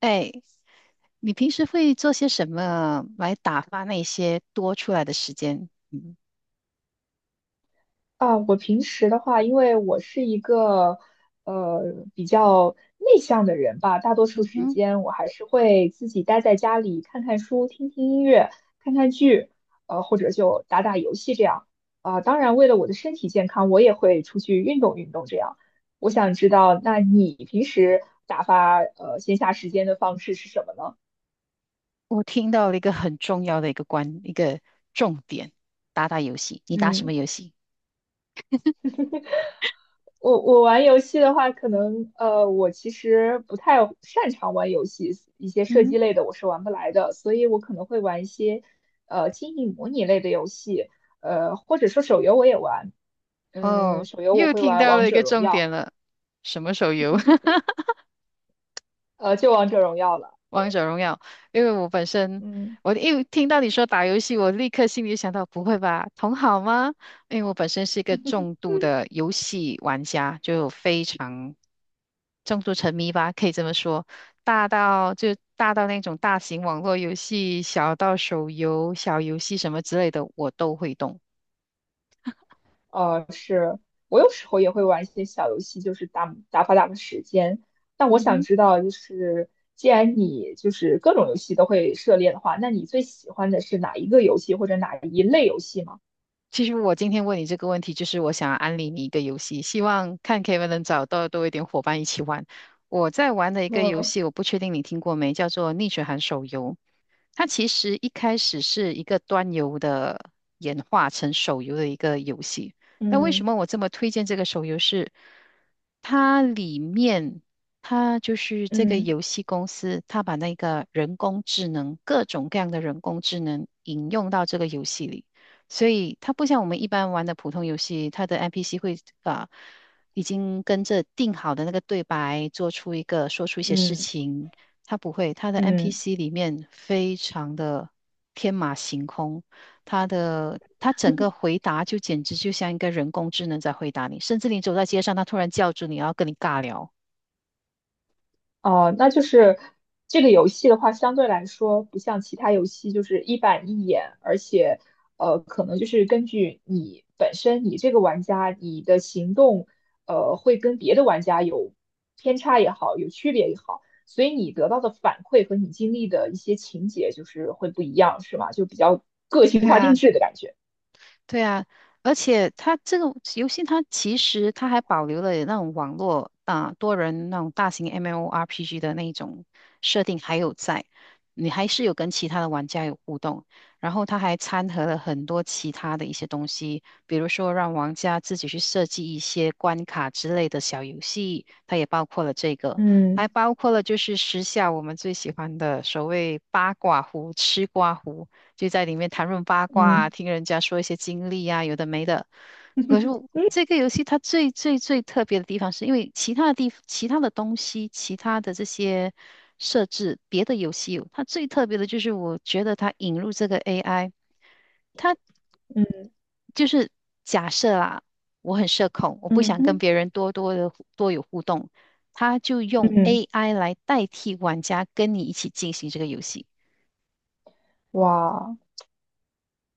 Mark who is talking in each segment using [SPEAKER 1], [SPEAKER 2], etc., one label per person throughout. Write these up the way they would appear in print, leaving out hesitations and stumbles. [SPEAKER 1] 哎，你平时会做些什么来打发那些多出来的时间？嗯
[SPEAKER 2] 啊，我平时的话，因为我是一个呃比较内向的人吧，大多数
[SPEAKER 1] 嗯
[SPEAKER 2] 时
[SPEAKER 1] 哼，
[SPEAKER 2] 间我还是会自己待在家里看看书、听听音乐、看看剧，或者就打打游戏这样。啊，当然，为了我的身体健康，我也会出去运动运动这样。我想知道，那你平时打发闲暇时间的方式是什么呢？
[SPEAKER 1] 我听到了一个很重要的一个关，一个重点，打打游戏。你打什么
[SPEAKER 2] 嗯。
[SPEAKER 1] 游戏？
[SPEAKER 2] 我玩游戏的话，可能我其实不太擅长玩游戏，一些射
[SPEAKER 1] 嗯
[SPEAKER 2] 击类的我是玩不来的，所以我可能会玩一些经营模拟类的游戏，或者说手游我也玩，
[SPEAKER 1] 哼，
[SPEAKER 2] 嗯，
[SPEAKER 1] 哦，
[SPEAKER 2] 手游我
[SPEAKER 1] 又
[SPEAKER 2] 会
[SPEAKER 1] 听
[SPEAKER 2] 玩
[SPEAKER 1] 到
[SPEAKER 2] 王
[SPEAKER 1] 了一
[SPEAKER 2] 者
[SPEAKER 1] 个
[SPEAKER 2] 荣
[SPEAKER 1] 重
[SPEAKER 2] 耀，
[SPEAKER 1] 点了，什么手游？
[SPEAKER 2] 呃就王者荣耀了，对，
[SPEAKER 1] 王者荣耀。因为我本身，
[SPEAKER 2] 嗯。
[SPEAKER 1] 我一听到你说打游戏，我立刻心里想到，不会吧，同好吗？因为我本身是一个重度的游戏玩家，就非常重度沉迷吧，可以这么说，大到那种大型网络游戏，小到手游、小游戏什么之类的，我都会动。
[SPEAKER 2] 是我有时候也会玩一些小游戏，就是打发时间。但我
[SPEAKER 1] 嗯
[SPEAKER 2] 想
[SPEAKER 1] 哼。
[SPEAKER 2] 知道，就是既然你就是各种游戏都会涉猎的话，那你最喜欢的是哪一个游戏或者哪一类游戏吗？
[SPEAKER 1] 其实我今天问你这个问题，就是我想安利你一个游戏，希望看 KEV 能找到多一点伙伴一起玩。我在玩的一个游
[SPEAKER 2] 嗯
[SPEAKER 1] 戏，我不确定你听过没，叫做《逆水寒手游》。它其实一开始是一个端游的演化成手游的一个游戏。那为什
[SPEAKER 2] 嗯
[SPEAKER 1] 么我这么推荐这个手游是？它里面，它就是这个
[SPEAKER 2] 嗯
[SPEAKER 1] 游戏公司，它把那个人工智能，各种各样的人工智能引用到这个游戏里。所以它不像我们一般玩的普通游戏，它的 NPC 啊、已经跟着定好的那个对白做出一个说出一些事
[SPEAKER 2] 嗯
[SPEAKER 1] 情，它不会，它的
[SPEAKER 2] 嗯。
[SPEAKER 1] NPC 里面非常的天马行空，它整个回答就简直就像一个人工智能在回答你，甚至你走在街上，它突然叫住你，然后跟你尬聊。
[SPEAKER 2] 哦，那就是这个游戏的话，相对来说不像其他游戏就是一板一眼，而且可能就是根据你本身你这个玩家你的行动，呃，会跟别的玩家有偏差也好，有区别也好，所以你得到的反馈和你经历的一些情节就是会不一样，是吗？就比较个性
[SPEAKER 1] 对
[SPEAKER 2] 化
[SPEAKER 1] 啊，
[SPEAKER 2] 定制的感觉。
[SPEAKER 1] 对啊，而且它这个游戏，它其实它还保留了那种网络啊、多人那种大型 MMORPG 的那一种设定还有在，你还是有跟其他的玩家有互动，然后它还掺和了很多其他的一些东西，比如说让玩家自己去设计一些关卡之类的小游戏，它也包括了这个，还
[SPEAKER 2] 嗯
[SPEAKER 1] 包括了就是时下我们最喜欢的所谓八卦壶、吃瓜壶。就在里面谈论八卦啊，
[SPEAKER 2] 嗯
[SPEAKER 1] 听人家说一些经历啊，有的没的。可是我这个游戏它最最最特别的地方，是因为其他其他的东西、其他的这些设置，别的游戏有它最特别的就是，我觉得它引入这个 AI，它
[SPEAKER 2] 嗯
[SPEAKER 1] 就是假设啊，我很社恐，我不
[SPEAKER 2] 嗯
[SPEAKER 1] 想跟
[SPEAKER 2] 嗯，
[SPEAKER 1] 别人多有互动，它就用
[SPEAKER 2] 嗯，
[SPEAKER 1] AI 来代替玩家跟你一起进行这个游戏。
[SPEAKER 2] 哇。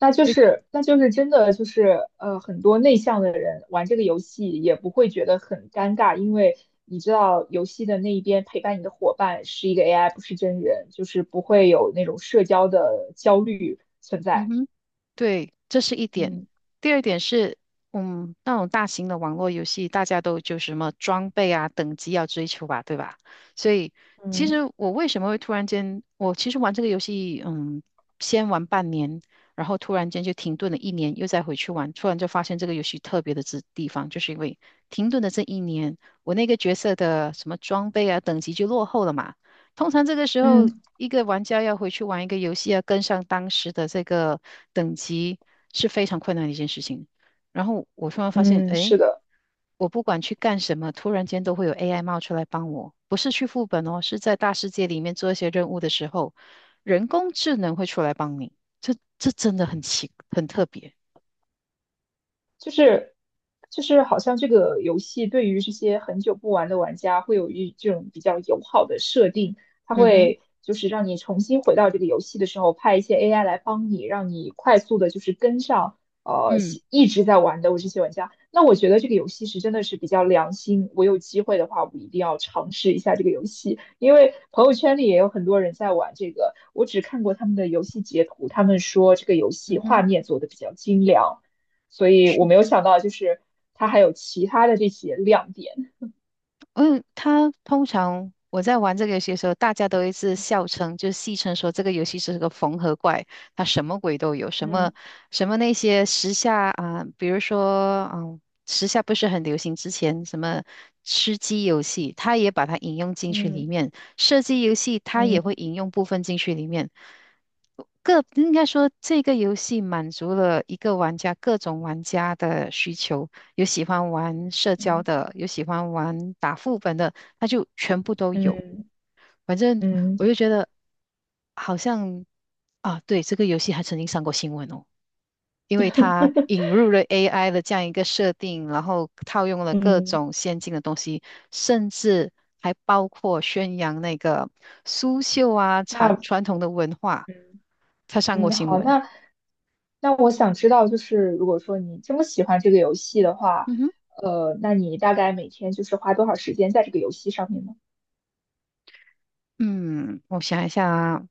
[SPEAKER 2] 那就是真的就是很多内向的人玩这个游戏也不会觉得很尴尬，因为你知道游戏的那一边陪伴你的伙伴是一个 AI,不是真人，就是不会有那种社交的焦虑存
[SPEAKER 1] 嗯
[SPEAKER 2] 在。
[SPEAKER 1] 哼。对，这是一点。
[SPEAKER 2] 嗯
[SPEAKER 1] 第二点是，那种大型的网络游戏，大家都就什么装备啊、等级要追求吧，对吧？所以，其
[SPEAKER 2] 嗯
[SPEAKER 1] 实我为什么会突然间，我其实玩这个游戏，先玩半年，然后突然间就停顿了一年，又再回去玩，突然就发现这个游戏特别的之地方，就是因为停顿的这一年，我那个角色的什么装备啊、等级就落后了嘛。通常这个时候，
[SPEAKER 2] 嗯
[SPEAKER 1] 一个玩家要回去玩一个游戏，要跟上当时的这个等级是非常困难的一件事情。然后我突然发现，
[SPEAKER 2] 嗯，是
[SPEAKER 1] 哎，
[SPEAKER 2] 的。
[SPEAKER 1] 我不管去干什么，突然间都会有 AI 冒出来帮我，不是去副本哦，是在大世界里面做一些任务的时候，人工智能会出来帮你。这真的很特别。
[SPEAKER 2] 就是就是好像这个游戏对于这些很久不玩的玩家会有一这种比较友好的设定，它
[SPEAKER 1] 嗯哼，
[SPEAKER 2] 会就是让你重新回到这个游戏的时候，派一些 AI 来帮你，让你快速的就是跟上
[SPEAKER 1] 嗯
[SPEAKER 2] 一直在玩的我这些玩家。那我觉得这个游戏是真的是比较良心，我有机会的话，我一定要尝试一下这个游戏，因为朋友圈里也有很多人在玩这个，我只看过他们的游戏截图，他们说这个游戏
[SPEAKER 1] 嗯
[SPEAKER 2] 画
[SPEAKER 1] 哼。
[SPEAKER 2] 面做的比较精良。所以我没有想到就是它还有其他的这些亮点。
[SPEAKER 1] 嗯，他通常我在玩这个游戏的时候，大家都一直笑称，就戏称说这个游戏是个缝合怪，它什么鬼都有，什么
[SPEAKER 2] 嗯
[SPEAKER 1] 什么那些时下啊，比如说时下不是很流行之前什么吃鸡游戏，它也把它引用进去里
[SPEAKER 2] 嗯
[SPEAKER 1] 面，射击游戏它也会
[SPEAKER 2] 嗯
[SPEAKER 1] 引用部分进去里面，应该说，这个游戏满足了一个玩家各种玩家的需求，有喜欢玩社交
[SPEAKER 2] 嗯
[SPEAKER 1] 的，有喜欢玩打副本的，那就全部都有。
[SPEAKER 2] 嗯
[SPEAKER 1] 反正
[SPEAKER 2] 嗯
[SPEAKER 1] 我就觉得好像啊，对，这个游戏还曾经上过新闻哦。因为它引入了 AI 的这样一个设定，然后套用了各
[SPEAKER 2] 嗯，
[SPEAKER 1] 种先进的东西，甚至还包括宣扬那个苏绣啊、传
[SPEAKER 2] 那
[SPEAKER 1] 传统的文化，
[SPEAKER 2] 嗯
[SPEAKER 1] 它上过
[SPEAKER 2] 嗯
[SPEAKER 1] 新
[SPEAKER 2] 好，
[SPEAKER 1] 闻。
[SPEAKER 2] 那那我想知道，就是如果说你这么喜欢这个游戏的话，
[SPEAKER 1] 嗯哼，
[SPEAKER 2] 呃，那你大概每天就是花多少时间在这个游戏上面呢？
[SPEAKER 1] 嗯，我想一下啊，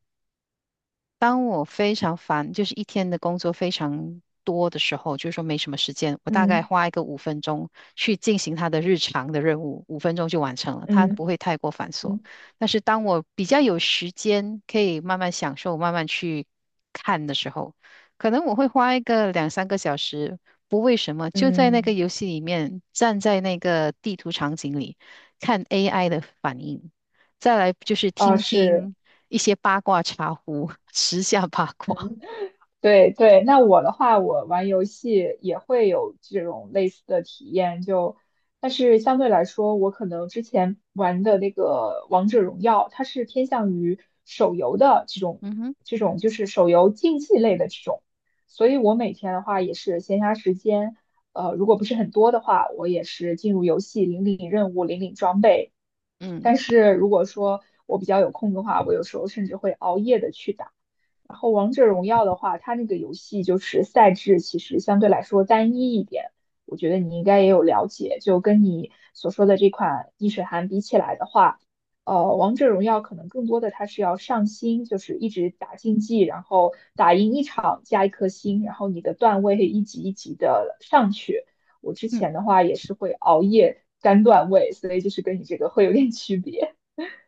[SPEAKER 1] 当我非常烦，就是一天的工作非常多的时候，就是说没什么时间，我大概
[SPEAKER 2] 嗯
[SPEAKER 1] 花一个五分钟去进行他的日常的任务，五分钟就完成了，它不
[SPEAKER 2] 嗯
[SPEAKER 1] 会太过繁琐。
[SPEAKER 2] 嗯
[SPEAKER 1] 但是当我比较有时间，可以慢慢享受、慢慢去看的时候，可能我会花一个两三个小时，不为什么，就在那个游
[SPEAKER 2] 嗯，
[SPEAKER 1] 戏里面，站在那个地图场景里看 AI 的反应。再来就是
[SPEAKER 2] 啊
[SPEAKER 1] 听
[SPEAKER 2] 是，
[SPEAKER 1] 听一些八卦茶壶，时下八卦。
[SPEAKER 2] 嗯。对对，那我的话，我玩游戏也会有这种类似的体验，就，但是相对来说，我可能之前玩的那个王者荣耀，它是偏向于手游的这种，
[SPEAKER 1] 嗯哼，
[SPEAKER 2] 这种就是手游竞技类的这种，所以我每天的话也是闲暇时间，呃，如果不是很多的话，我也是进入游戏领任务、领装备，
[SPEAKER 1] 嗯
[SPEAKER 2] 但是如果说我比较有空的话，我有时候甚至会熬夜的去打。然后王者荣耀的话，它那个游戏就是赛制其实相对来说单一一点，我觉得你应该也有了解。就跟你所说的这款逆水寒比起来的话，呃，王者荣耀可能更多的它是要上星，就是一直打竞技，然后打赢一场加一颗星，然后你的段位一级一级的上去。我之
[SPEAKER 1] 嗯。
[SPEAKER 2] 前的话也是会熬夜干段位，所以就是跟你这个会有点区别。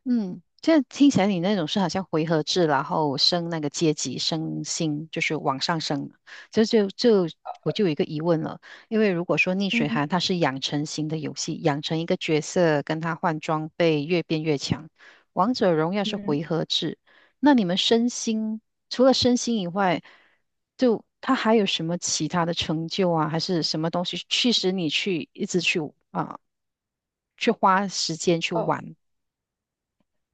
[SPEAKER 1] 嗯，这听起来你那种是好像回合制，然后升那个阶级，升星，就是往上升。就就就我就有一个疑问了，因为如果说逆水
[SPEAKER 2] 嗯
[SPEAKER 1] 寒它是养成型的游戏，养成一个角色跟他换装备越变越强，王者荣耀是
[SPEAKER 2] 嗯，
[SPEAKER 1] 回合制，那你们升星除了升星以外，就它还有什么其他的成就啊，还是什么东西驱使你去一直去啊、去花时间去
[SPEAKER 2] 哦。
[SPEAKER 1] 玩？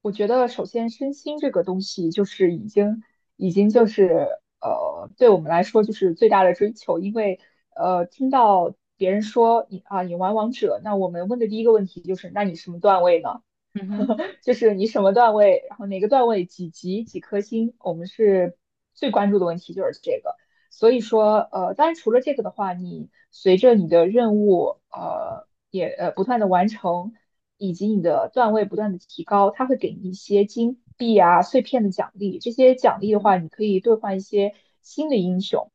[SPEAKER 2] 我觉得首先身心这个东西就是已经就是呃，对我们来说就是最大的追求，因为呃，听到别人说你啊你玩王者，那我们问的第一个问题就是，那你什么段位呢？
[SPEAKER 1] 嗯哼。
[SPEAKER 2] 就是你什么段位，然后哪个段位几级几颗星，我们是最关注的问题就是这个。所以说，呃，当然除了这个的话，你随着你的任务，呃，也不断的完成，以及你的段位不断的提高，它会给你一些金币啊、碎片的奖励。这些奖
[SPEAKER 1] 嗯
[SPEAKER 2] 励的
[SPEAKER 1] 哼
[SPEAKER 2] 话，你可以兑换一些新的英雄，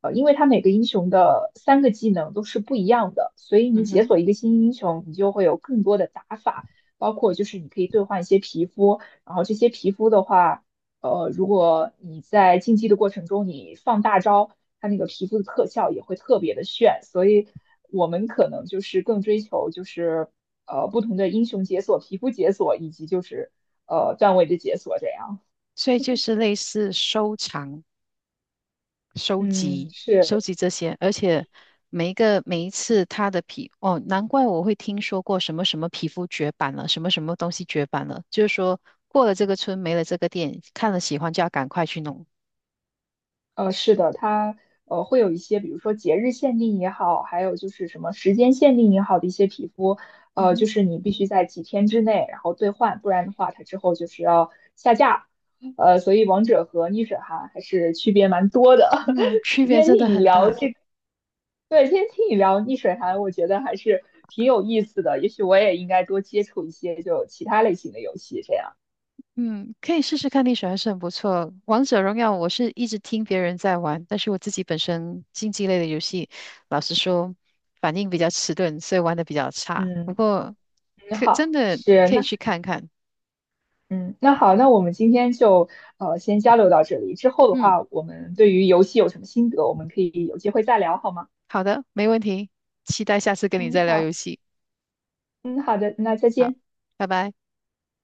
[SPEAKER 2] 呃，因为它每个英雄的三个技能都是不一样的，所以你
[SPEAKER 1] 嗯
[SPEAKER 2] 解锁一
[SPEAKER 1] 哼，
[SPEAKER 2] 个新英雄，你就会有更多的打法包括就是你可以兑换一些皮肤，然后这些皮肤的话，呃，如果你在竞技的过程中你放大招，它那个皮肤的特效也会特别的炫，所以我们可能就是更追求就是不同的英雄解锁、皮肤解锁以及就是段位的解锁这样。
[SPEAKER 1] 所以就是类似收藏、收
[SPEAKER 2] 嗯，
[SPEAKER 1] 集、收
[SPEAKER 2] 是。
[SPEAKER 1] 集这些，而且每一次他的哦，难怪我会听说过什么什么皮肤绝版了，什么什么东西绝版了，就是说过了这个村没了这个店，看了喜欢就要赶快去弄。
[SPEAKER 2] 呃，是的，它会有一些，比如说节日限定也好，还有就是什么时间限定也好的一些皮肤，
[SPEAKER 1] 嗯
[SPEAKER 2] 呃，
[SPEAKER 1] 哼，
[SPEAKER 2] 就是你必须在几天之内然后兑换，不然的话它之后就是要下架。呃，所以王者和逆水寒还是区别蛮多的。
[SPEAKER 1] 嗯，区
[SPEAKER 2] 今
[SPEAKER 1] 别
[SPEAKER 2] 天
[SPEAKER 1] 真的
[SPEAKER 2] 听你
[SPEAKER 1] 很
[SPEAKER 2] 聊
[SPEAKER 1] 大。
[SPEAKER 2] 这，对，今天听你聊逆水寒，我觉得还是挺有意思的。也许我也应该多接触一些就其他类型的游戏，这样。
[SPEAKER 1] 嗯，可以试试看，历史还是很不错。王者荣耀我是一直听别人在玩，但是我自己本身竞技类的游戏，老实说反应比较迟钝，所以玩的比较差。不
[SPEAKER 2] 嗯，
[SPEAKER 1] 过
[SPEAKER 2] 你
[SPEAKER 1] 可真
[SPEAKER 2] 好，
[SPEAKER 1] 的
[SPEAKER 2] 是
[SPEAKER 1] 可以
[SPEAKER 2] 那。
[SPEAKER 1] 去看看。
[SPEAKER 2] 嗯，那好，那我们今天就先交流到这里。之后的
[SPEAKER 1] 嗯，
[SPEAKER 2] 话，我们对于游戏有什么心得，我们可以有机会再聊，好吗？
[SPEAKER 1] 好的，没问题，期待下次跟你
[SPEAKER 2] 嗯，
[SPEAKER 1] 再聊游
[SPEAKER 2] 好，
[SPEAKER 1] 戏。
[SPEAKER 2] 嗯，好的，那再
[SPEAKER 1] 好，
[SPEAKER 2] 见。
[SPEAKER 1] 拜拜。